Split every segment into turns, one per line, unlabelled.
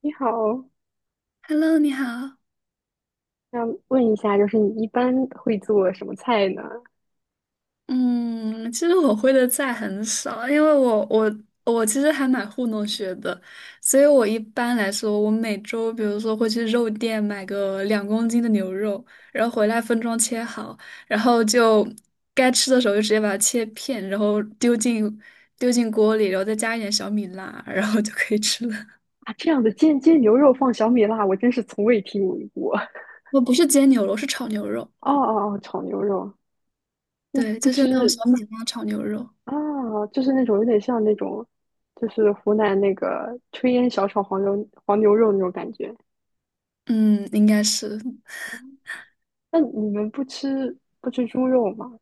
你好，
Hello，你好。
想问一下，就是你一般会做什么菜呢？
嗯，其实我会的菜很少，因为我其实还蛮糊弄学的，所以我一般来说，我每周比如说会去肉店买个2公斤的牛肉，然后回来分装切好，然后就该吃的时候就直接把它切片，然后丢进锅里，然后再加一点小米辣，然后就可以吃了。
啊，这样的煎牛肉放小米辣，我真是从未听闻过。
我不是煎牛肉，是炒牛肉，
哦哦哦，炒牛肉，那
对，
不
就是那种小
知
米辣炒牛肉。
啊，就是那种有点像那种，就是湖南那个炊烟小炒黄牛肉那种感觉。
嗯，应该是。
那你们不吃猪肉吗？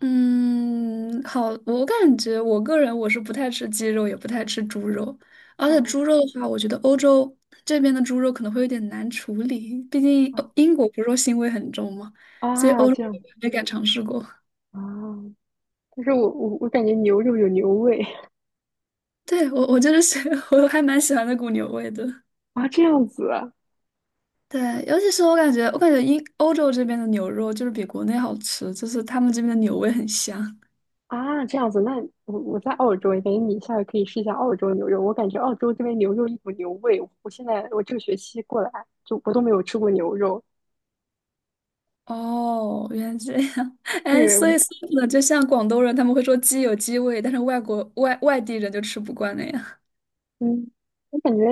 嗯，好，我感觉我个人我是不太吃鸡肉，也不太吃猪肉，而且
哦
猪肉的话，我觉得欧洲这边的猪肉可能会有点难处理，毕竟
啊
英国不是说腥味很重嘛，所以
啊，
欧洲
这样
这边没敢尝试过。
啊，但是我感觉牛肉有牛味
对，我就是喜 我还蛮喜欢那股牛味的。
啊，这样子啊。
对，尤其是我感觉欧洲这边的牛肉就是比国内好吃，就是他们这边的牛味很香。
啊，这样子，那我在澳洲，感觉你下回可以试一下澳洲牛肉。我感觉澳洲这边牛肉一股牛味，我现在我这个学期过来就我都没有吃过牛肉。
哦，原来这样，哎，
对，
所以呢，就像广东人他们会说鸡有鸡味，但是外国外外地人就吃不惯那样。
嗯，我感觉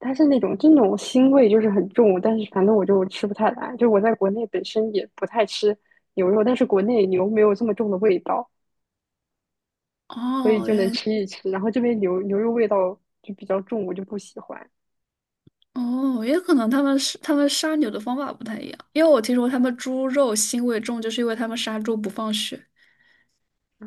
它是那种就那种腥味就是很重，但是反正我就吃不太来。就我在国内本身也不太吃牛肉，但是国内牛没有这么重的味道，所以
哦，
就能
原
吃
来
一吃。然后这边牛肉味道就比较重，我就不喜欢。
哦，也可能他们是他们杀牛的方法不太一样，因为我听说他们猪肉腥味重，就是因为他们杀猪不放血。
啊，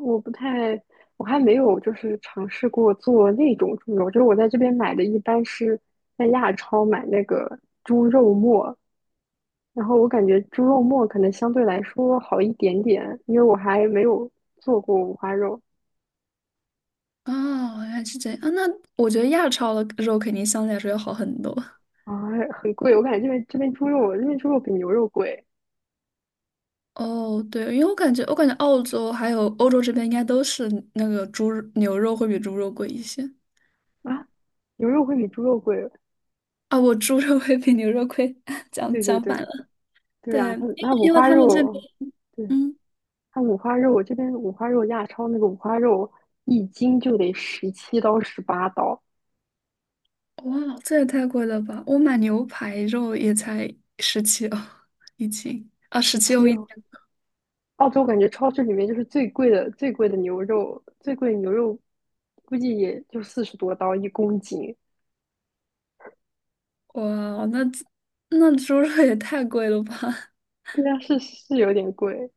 我不太，我还没有就是尝试过做那种猪肉，就是我在这边买的一般是在亚超买那个猪肉末，然后我感觉猪肉末可能相对来说好一点点，因为我还没有做过五花肉
哦，原来是这样啊，那我觉得亚超的肉肯定相对来说要好很多。
啊，很贵，我感觉这边猪肉，这边猪肉比牛肉贵
哦，对，因为我感觉澳洲还有欧洲这边应该都是那个猪牛肉会比猪肉贵一些。
啊，牛肉会比猪肉贵，
啊，我猪肉会比牛肉贵，讲
对对
讲反
对
了。
对
对，
啊，
因
它
为
那五
因为
花
他们这边，
肉，对，
嗯，
它五花肉，我这边五花肉亚超那个五花肉一斤就得17刀18刀，
哇，这也太贵了吧！我买牛排肉也才十七哦一斤，啊，十
十
七欧
七
一斤，
哦。澳洲感觉超市里面就是最贵的牛肉，最贵的牛肉估计也就40多刀1公斤，
哇，那猪肉也太贵了吧？
对啊，是有点贵。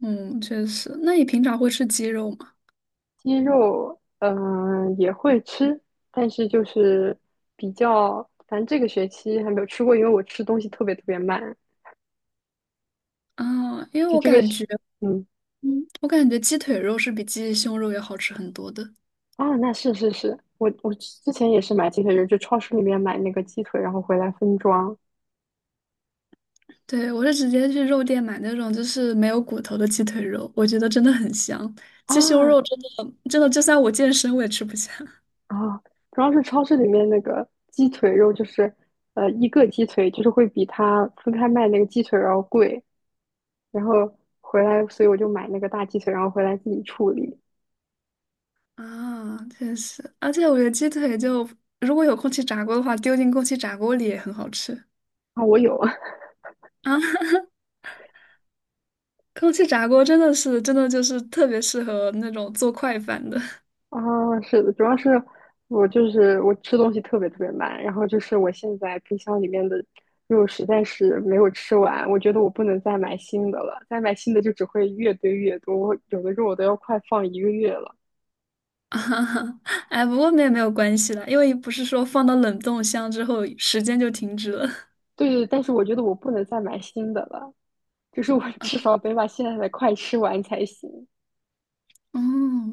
嗯，确实。那你平常会吃鸡肉吗？
鸡肉也会吃，但是就是比较，反正这个学期还没有吃过，因为我吃东西特别特别慢，
啊，因为
就
我
这个
感
学
觉，
嗯。
我感觉鸡腿肉是比鸡胸肉要好吃很多的。
啊，那是是是，我之前也是买鸡腿，肉，就超市里面买那个鸡腿，然后回来分装
对，我是直接去肉店买那种就是没有骨头的鸡腿肉，我觉得真的很香。鸡胸
啊
肉真的真的，就算我健身我也吃不下
啊，主要是超市里面那个鸡腿肉，就是一个鸡腿就是会比它分开卖那个鸡腿要贵，然后回来，所以我就买那个大鸡腿，然后回来自己处理
啊，确实。而且我觉得鸡腿就如果有空气炸锅的话，丢进空气炸锅里也很好吃
啊，我有。
啊。空气炸锅真的是真的就是特别适合那种做快饭的
啊，是的，主要是我就是我吃东西特别特别慢，然后就是我现在冰箱里面的肉实在是没有吃完，我觉得我不能再买新的了，再买新的就只会越堆越多，我有的肉我都要快放1个月了。
啊。哎，不过那也没有关系啦，因为不是说放到冷冻箱之后时间就停止了。
对对，但是我觉得我不能再买新的了，就是我 至少得把现在的快吃完才行。
哦，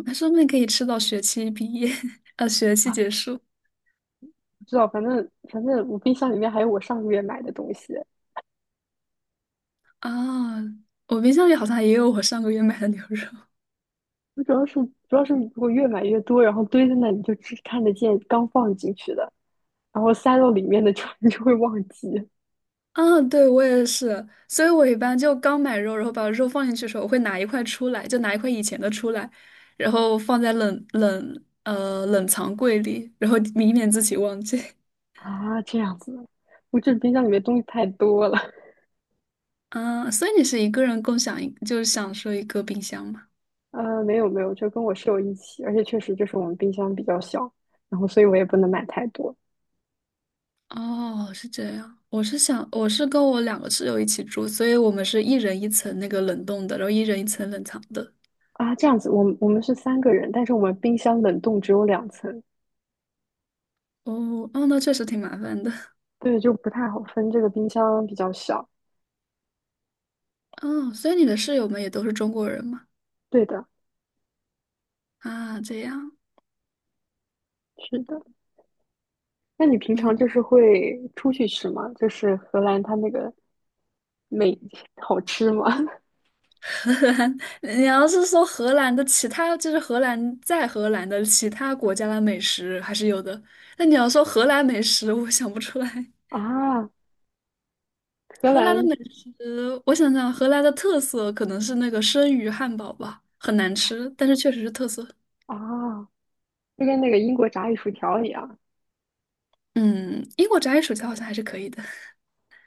那说不定可以吃到学期毕业，学期结束。
不知道，反正我冰箱里面还有我上个月买的东西，
啊，我冰箱里好像也有我上个月买的牛肉。
我主要是如果越买越多，然后堆在那里就只看得见刚放进去的。然后塞到里面的就 你就会忘记
啊，对，我也是，所以我一般就刚买肉，然后把肉放进去的时候，我会拿一块出来，就拿一块以前的出来，然后放在冷藏柜里，然后以免自己忘记。
啊，这样子。我这冰箱里面东西太多了，
啊，所以你是一个人共享一，就是享受一个冰箱吗？
没有没有，就跟我室友一起，而且确实就是我们冰箱比较小，然后所以我也不能买太多
哦，是这样。我是想，我是跟我两个室友一起住，所以我们是一人一层那个冷冻的，然后一人一层冷藏的。
啊。这样子，我们是三个人，但是我们冰箱冷冻只有两层，
哦，哦，那确实挺麻烦的。
对，就不太好分。这个冰箱比较小，
哦，所以你的室友们也都是中国人吗？
对的，
啊，这样，
是的。那你平
嗯，
常就是会出去吃吗？就是荷兰它那个美好吃吗？
荷兰，你要是说荷兰的其他，就是荷兰在荷兰的其他国家的美食还是有的，那你要说荷兰美食，我想不出来。
啊，荷
荷兰的
兰
美食，我想想，荷兰的特色可能是那个生鱼汉堡吧，很难吃，但是确实是特色。
啊，就跟那个英国炸鱼薯条一样。
嗯，英国炸鱼薯条好像还是可以的。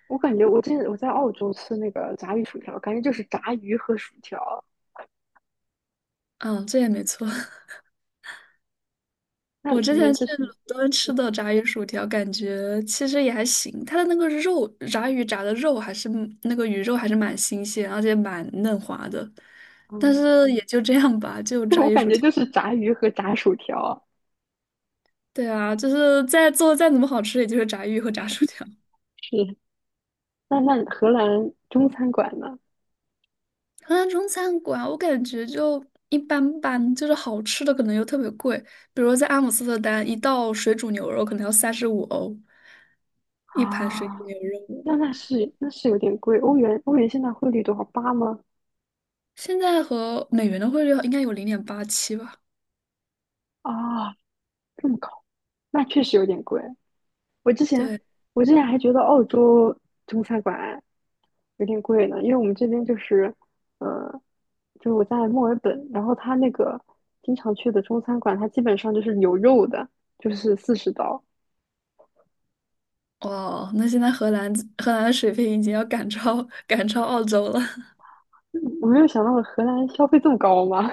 我感觉我之前我在澳洲吃那个炸鱼薯条，感觉就是炸鱼和薯条。
嗯，这也没错。
那
我
你
之前
们就
去伦
是，
敦吃的炸鱼薯条，感觉其实也还行。它的那个肉，炸鱼炸的肉还是那个鱼肉还是蛮新鲜，而且蛮嫩滑的。但
嗯，
是也就这样吧，就
对，
炸
我
鱼
感
薯
觉
条。
就是炸鱼和炸薯条。
对啊，就是再做再怎么好吃，也就是炸鱼和炸薯条。
是，那荷兰中餐馆呢？
荷兰中餐馆我感觉就一般般，就是好吃的可能又特别贵。比如说在阿姆斯特丹，一道水煮牛肉可能要35欧一盘水
啊，
煮牛肉。
那是有点贵，欧元现在汇率多少？八吗？
现在和美元的汇率应该有0.87吧？
啊，这么高，那确实有点贵。我之前
对，
我之前还觉得澳洲中餐馆有点贵呢，因为我们这边就是，呃，就是我在墨尔本，然后他那个经常去的中餐馆，它基本上就是有肉的，就是四十刀。
哇，那现在荷兰的水平已经要赶超澳洲了。
嗯我没有想到荷兰消费这么高吗？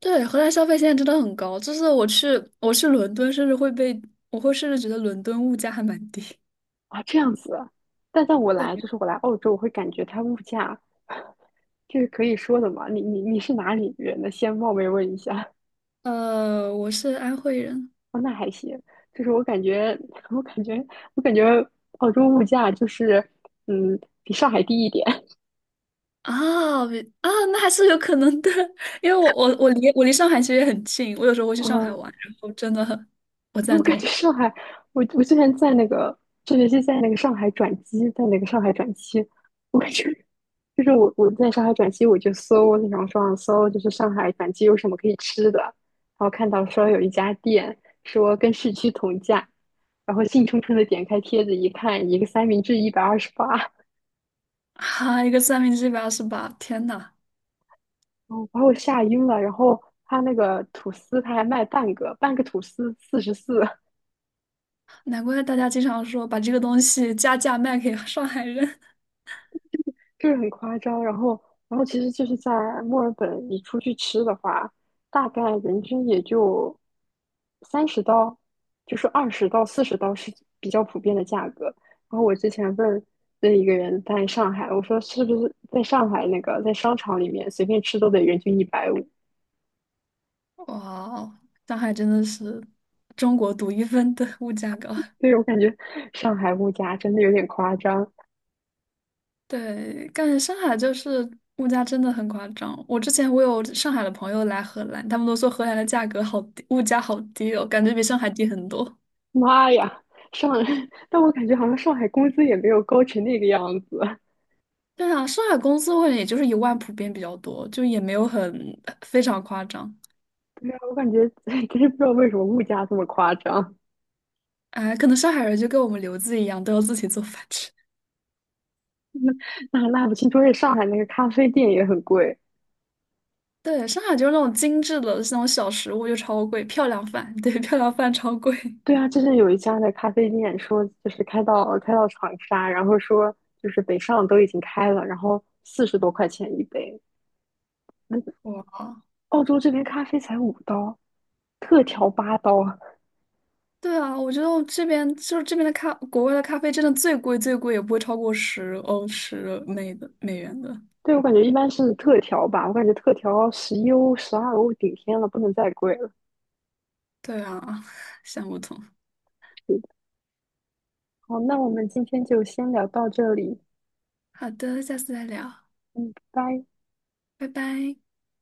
对，荷兰消费现在真的很高，就是我去伦敦，甚至会被我会甚至觉得伦敦物价还蛮低。
啊，这样子啊。但在我来，就是我来澳洲，我会感觉它物价，这是可以说的嘛？你是哪里人呢？先冒昧问一下。
我是安徽人
哦，那还行。就是我感觉，我感觉，我感觉澳洲物价就是，嗯，比上海低一点。
啊比啊，那还是有可能的，因为我离上海其实也很近，我有时候会 去上海
嗯。
玩，然后真的很我
我
赞
感觉
同
上海，我之前在那个这学期在那个上海转机，在那个上海转机，我感觉就是我在上海转机，我就搜那种上搜，就是上海转机有什么可以吃的，然后看到说有一家店说跟市区同价，然后兴冲冲的点开帖子一看，一个三明治128，
啊，一个三明治128，天呐！
哦，把我吓晕了。然后他那个吐司他还卖半个，半个吐司44，
难怪大家经常说把这个东西加价卖给上海人。
就是很夸张。然后，其实就是在墨尔本，你出去吃的话，大概人均也就30刀，就是20到40刀是比较普遍的价格。然后我之前问问一个人在上海，我说是不是在上海那个在商场里面随便吃都得人均150？
哇哦，上海真的是中国独一份的物价高。
以我感觉 上海物价真的有点夸张。
对，感觉上海就是物价真的很夸张。我之前我有上海的朋友来荷兰，他们都说荷兰的价格好低，物价好低哦，感觉比上海低很多。
妈呀，上，但我感觉好像上海工资也没有高成那个样子。
对啊，上海工资会也就是1万普遍比较多，就也没有很非常夸张。
没有，我感觉 真是不知道为什么物价这么夸张，
哎，可能上海人就跟我们留子一样，都要自己做饭吃。
那不清楚。而且上海那个咖啡店也很贵。
对，上海就是那种精致的那种小食物就超贵，漂亮饭，对，漂亮饭超贵。
对啊，就是有一家的咖啡店说，就是开到长沙，然后说就是北上都已经开了，然后40多块钱一杯。那
哇，
澳洲这边咖啡才5刀，特调八刀啊。
对啊，我觉得我这边就是这边的咖，国外的咖啡真的最贵，也不会超过10欧十美的美元的。
对，我感觉一般是特调吧，我感觉特调11欧、12欧顶天了，不能再贵了。
对啊，想不通。
是的好，那我们今天就先聊到这里，
好的，下次再聊，
嗯，拜拜。
拜拜。